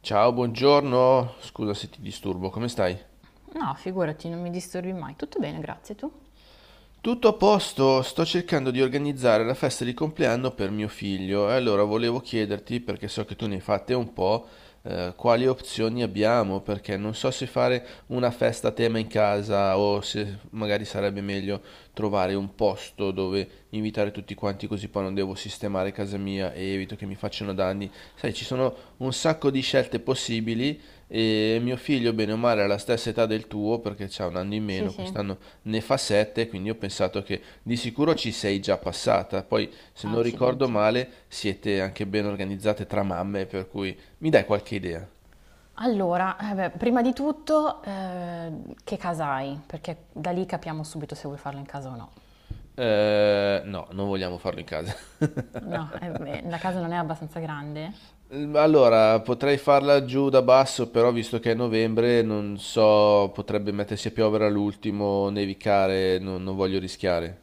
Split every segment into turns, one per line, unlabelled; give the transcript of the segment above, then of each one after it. Ciao, buongiorno. Scusa se ti disturbo, come stai?
No, figurati, non mi disturbi mai. Tutto bene, grazie. Tu?
Tutto a posto, sto cercando di organizzare la festa di compleanno per mio figlio e allora volevo chiederti, perché so che tu ne hai fatte un po', quali opzioni abbiamo, perché non so se fare una festa a tema in casa o se magari sarebbe meglio trovare un posto dove invitare tutti quanti così poi non devo sistemare casa mia e evito che mi facciano danni. Sai, ci sono un sacco di scelte possibili e mio figlio, bene o male, ha la stessa età del tuo perché c'ha un anno in
Sì,
meno,
sì.
quest'anno ne fa 7, quindi ho pensato che di sicuro ci sei già passata. Poi, se non ricordo
Accidenti.
male, siete anche ben organizzate tra mamme, per cui mi dai qualche idea?
Allora, eh beh, prima di tutto, che casa hai? Perché da lì capiamo subito se vuoi farlo in casa o no.
No, non vogliamo farlo in casa.
No, eh beh, la casa non è abbastanza grande?
Allora, potrei farla giù da basso, però visto che è novembre, non so, potrebbe mettersi a piovere all'ultimo, nevicare, non voglio rischiare.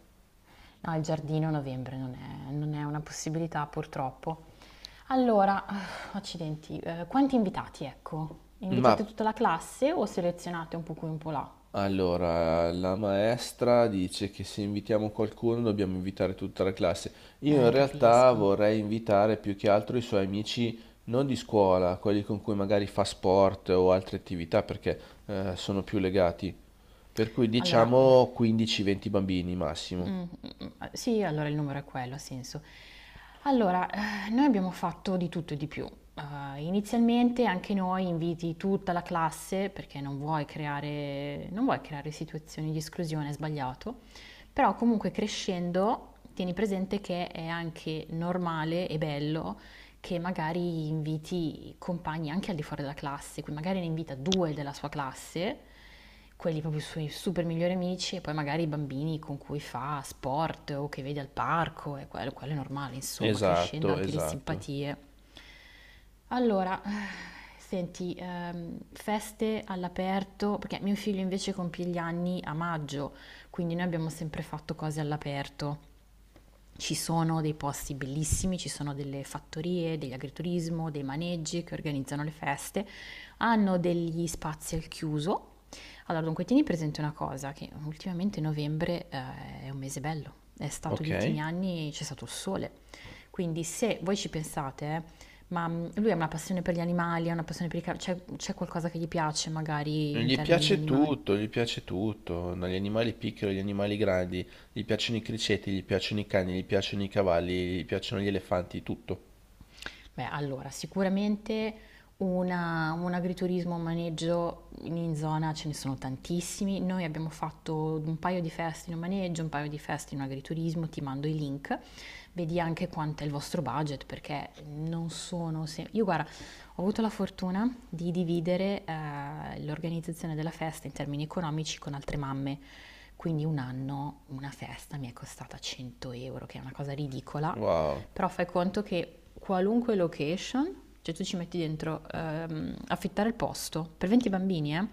No, il giardino a novembre non è una possibilità, purtroppo. Allora, accidenti, quanti invitati, ecco?
Ma
Invitate tutta la classe o selezionate un po' qui, un po' là?
allora, la maestra dice che se invitiamo qualcuno dobbiamo invitare tutta la classe. Io in realtà
Capisco.
vorrei invitare più che altro i suoi amici non di scuola, quelli con cui magari fa sport o altre attività, perché sono più legati. Per cui
Allora,
diciamo 15-20 bambini
mh,
massimo.
sì, allora il numero è quello, ha senso. Allora, noi abbiamo fatto di tutto e di più. Inizialmente anche noi inviti tutta la classe, perché non vuoi creare situazioni di esclusione, è sbagliato, però comunque crescendo tieni presente che è anche normale e bello che magari inviti compagni anche al di fuori della classe, quindi magari ne invita due della sua classe, quelli proprio i suoi super migliori amici, e poi magari i bambini con cui fa sport o che vede al parco, e quello è normale, insomma, crescendo
Esatto,
anche le
esatto.
simpatie. Allora, senti, feste all'aperto, perché mio figlio invece compie gli anni a maggio, quindi noi abbiamo sempre fatto cose all'aperto. Ci sono dei posti bellissimi, ci sono delle fattorie, degli agriturismo, dei maneggi che organizzano le feste, hanno degli spazi al chiuso. Allora, dunque, tieni presente una cosa, che ultimamente novembre è un mese bello, è stato gli
Ok.
ultimi anni, c'è stato il sole, quindi se voi ci pensate, lui ha una passione per gli animali, ha una passione per i c'è qualcosa che gli piace magari in termini di animali.
Gli piace tutto, dagli animali piccoli agli animali grandi, gli piacciono i criceti, gli piacciono i cani, gli piacciono i cavalli, gli piacciono gli elefanti, tutto.
Beh, allora, sicuramente un agriturismo, un maneggio in zona ce ne sono tantissimi. Noi abbiamo fatto un paio di feste in un maneggio, un paio di feste in un agriturismo, ti mando i link. Vedi anche quanto è il vostro budget, perché non sono... se- Io guarda, ho avuto la fortuna di dividere l'organizzazione della festa in termini economici con altre mamme. Quindi un anno una festa mi è costata 100 euro, che è una cosa ridicola,
Wow.
però fai conto che qualunque location, cioè tu ci metti dentro affittare il posto per 20 bambini,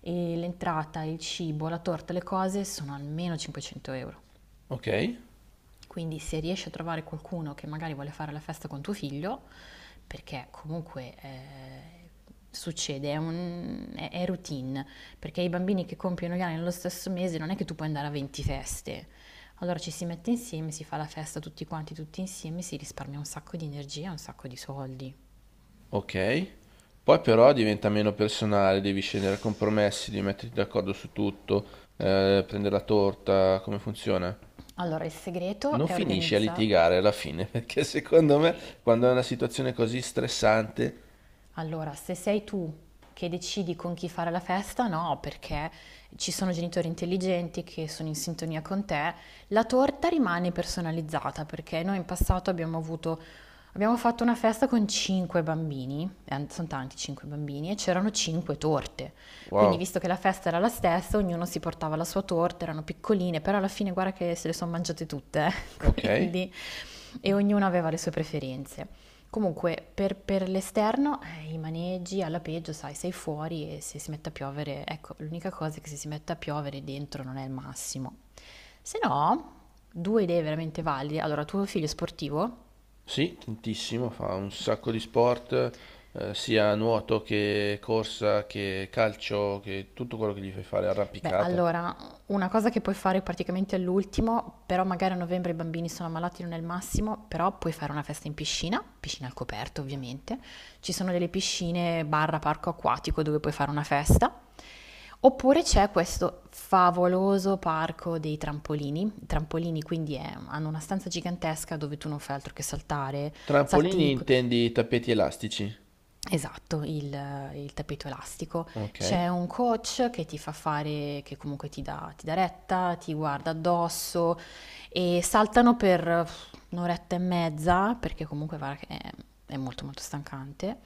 e l'entrata, il cibo, la torta, le cose sono almeno 500 euro.
Ok,
Quindi se riesci a trovare qualcuno che magari vuole fare la festa con tuo figlio, perché comunque succede, è routine, perché i bambini che compiono gli anni nello stesso mese non è che tu puoi andare a 20 feste. Allora ci si mette insieme, si fa la festa tutti quanti, tutti insieme, si risparmia un sacco di energia, un sacco di soldi.
ok. Poi però diventa meno personale, devi scendere a compromessi, devi metterti d'accordo su tutto, prendere la torta, come funziona?
Allora il segreto
Non
è
finisci a
organizza-
litigare alla fine, perché secondo me quando è una situazione così stressante.
Allora, se sei tu che decidi con chi fare la festa, no, perché ci sono genitori intelligenti che sono in sintonia con te, la torta rimane personalizzata, perché noi in passato abbiamo fatto una festa con cinque bambini, sono tanti cinque bambini, e c'erano cinque torte. Quindi,
Wow.
visto che la festa era la stessa, ognuno si portava la sua torta, erano piccoline, però alla fine guarda che se le sono mangiate tutte,
Ok.
quindi, e ognuno aveva le sue preferenze. Comunque, per l'esterno, i maneggi alla peggio, sai, sei fuori e se si mette a piovere, ecco, l'unica cosa è che se si mette a piovere dentro non è il massimo. Se no, due idee veramente valide. Allora, tuo figlio è sportivo?
Sì, tantissimo, fa un sacco di sport, sia nuoto che corsa che calcio, che tutto quello che gli fai fare,
Beh,
arrampicata.
allora, una cosa che puoi fare praticamente all'ultimo, però magari a novembre i bambini sono ammalati, non è il massimo, però puoi fare una festa in piscina, piscina al coperto ovviamente, ci sono delle piscine barra parco acquatico dove puoi fare una festa, oppure c'è questo favoloso parco dei trampolini, i trampolini quindi hanno una stanza gigantesca dove tu non fai altro che saltare,
Trampolini
salti.
intendi tappeti elastici?
Esatto, il tappeto elastico.
Ok.
C'è un coach che ti fa fare che comunque ti dà retta, ti guarda addosso e saltano per un'oretta e mezza, perché comunque guarda che è molto, molto stancante,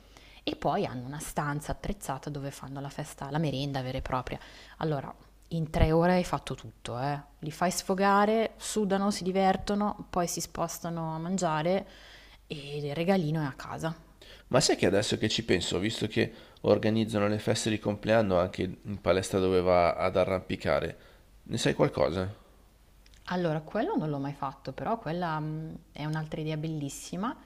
e poi hanno una stanza attrezzata dove fanno la festa la merenda vera e propria. Allora, in 3 ore hai fatto tutto, eh. Li fai sfogare, sudano, si divertono, poi si spostano a mangiare e il regalino è a casa.
Ma sai che adesso che ci penso, visto che organizzano le feste di compleanno anche in palestra dove va ad arrampicare, ne sai qualcosa?
Allora, quello non l'ho mai fatto, però quella, è un'altra idea bellissima.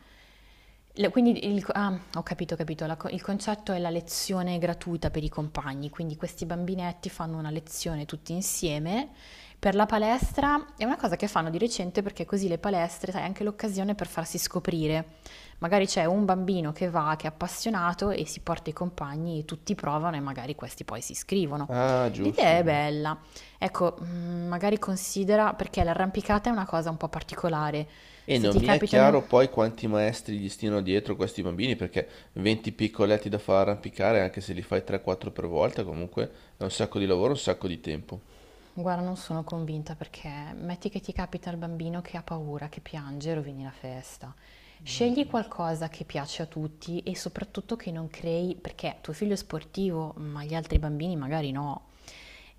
Le quindi il ah, ho capito, la co il concetto è la lezione gratuita per i compagni, quindi questi bambinetti fanno una lezione tutti insieme per la palestra. È una cosa che fanno di recente perché così le palestre, sai, è anche l'occasione per farsi scoprire. Magari c'è un bambino che va, che è appassionato e si porta i compagni e tutti provano e magari questi poi si iscrivono.
Ah, giusto,
L'idea è
giusto.
bella. Ecco, magari considera, perché l'arrampicata è una cosa un po' particolare.
E
Se
non
ti
mi è chiaro
capitano
poi quanti maestri gli stiano dietro questi bambini, perché 20 piccoletti da far arrampicare, anche se li fai 3-4 per volta, comunque è un sacco di lavoro, un sacco di tempo.
Guarda, non sono convinta perché metti che ti capita il bambino che ha paura, che piange, rovini la festa.
Non è
Scegli
giusto.
qualcosa che piace a tutti e soprattutto che non crei, perché tuo figlio è sportivo, ma gli altri bambini magari no.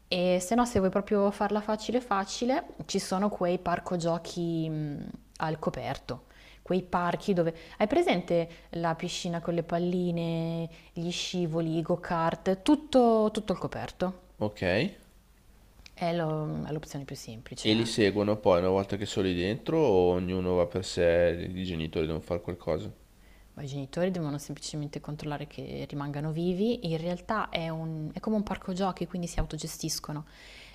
E se no, se vuoi proprio farla facile facile, ci sono quei parco giochi al coperto, quei parchi dove hai presente la piscina con le palline, gli scivoli, i go-kart, tutto, tutto al coperto.
Ok? E
È l'opzione più semplice,
li
eh.
seguono poi una volta che sono lì dentro o ognuno va per sé, i genitori devono fare qualcosa.
Ma i genitori devono semplicemente controllare che rimangano vivi. In realtà è come un parco giochi, quindi si autogestiscono.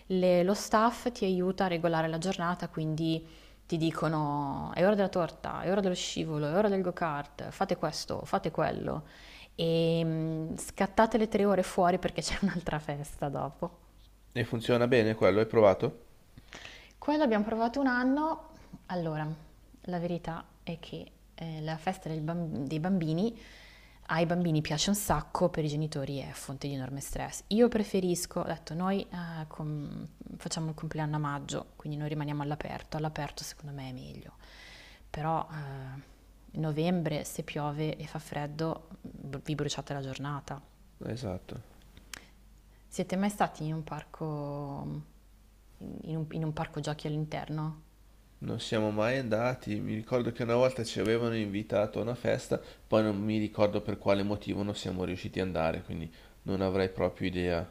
Lo staff ti aiuta a regolare la giornata, quindi ti dicono è ora della torta, è ora dello scivolo, è ora del go-kart, fate questo, fate quello. E scattate le 3 ore fuori perché c'è un'altra festa dopo.
E funziona bene quello, hai provato?
Quello abbiamo provato un anno. Allora, la verità è che la festa del bam- dei bambini ai bambini piace un sacco, per i genitori è fonte di enorme stress. Io preferisco, ho detto, noi facciamo il compleanno a maggio, quindi noi rimaniamo all'aperto. All'aperto secondo me è meglio. Però novembre, se piove e fa freddo, vi bruciate la giornata.
Esatto.
Siete mai stati in un parco, in un parco giochi all'interno?
Non siamo mai andati, mi ricordo che una volta ci avevano invitato a una festa, poi non mi ricordo per quale motivo non siamo riusciti ad andare, quindi non avrei proprio idea.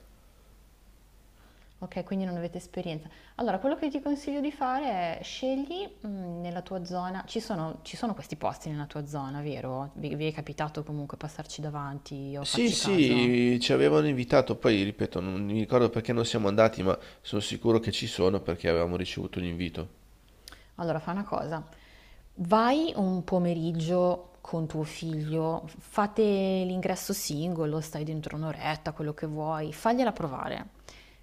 Ok, quindi non avete esperienza. Allora, quello che ti consiglio di fare è scegli nella tua zona, ci sono questi posti nella tua zona, vero? Vi è capitato comunque passarci davanti o
Sì,
farci caso?
sì, ci avevano invitato, poi ripeto, non mi ricordo perché non siamo andati, ma sono sicuro che ci sono perché avevamo ricevuto l'invito.
Allora, fa una cosa. Vai un pomeriggio con tuo figlio, fate l'ingresso singolo, stai dentro un'oretta, quello che vuoi, fagliela provare.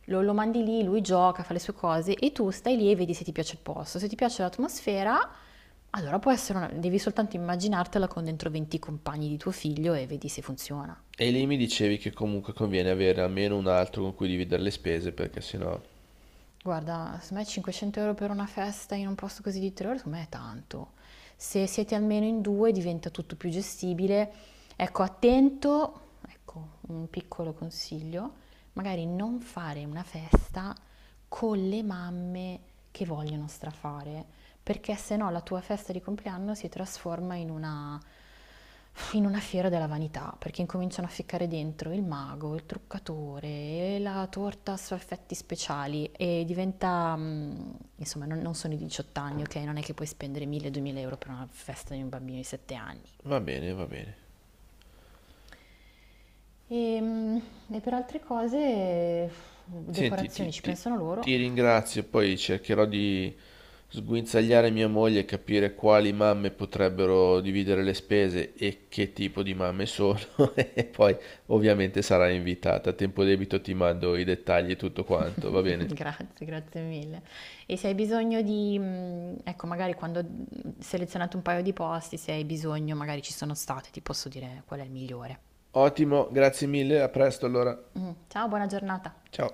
Lo mandi lì, lui gioca, fa le sue cose e tu stai lì e vedi se ti piace il posto. Se ti piace l'atmosfera, allora devi soltanto immaginartela con dentro 20 compagni di tuo figlio e vedi se funziona.
E lì mi dicevi che comunque conviene avere almeno un altro con cui dividere le spese perché sennò...
Guarda, secondo me 500 euro per una festa in un posto così di 3 ore, secondo me è tanto. Se siete almeno in due diventa tutto più gestibile. Ecco, attento, ecco, un piccolo consiglio, magari non fare una festa con le mamme che vogliono strafare, perché se no la tua festa di compleanno si trasforma in una fiera della vanità, perché incominciano a ficcare dentro il mago, il truccatore, e la torta a effetti speciali e diventa, insomma, non sono i 18 anni, ok? Non è che puoi spendere 1000-2000 euro per una festa di un bambino di 7 anni.
Va bene, va bene.
E, e per altre cose,
Senti,
decorazioni ci pensano loro.
ti ringrazio, poi cercherò di sguinzagliare mia moglie e capire quali mamme potrebbero dividere le spese e che tipo di mamme sono. E poi ovviamente sarai invitata. A tempo debito ti mando i dettagli e tutto quanto, va bene?
Grazie, grazie mille. E se hai bisogno di, ecco magari quando, selezionate un paio di posti, se hai bisogno magari ci sono state, ti posso dire qual è il migliore.
Ottimo, grazie mille, a presto allora.
Ciao, buona giornata.
Ciao.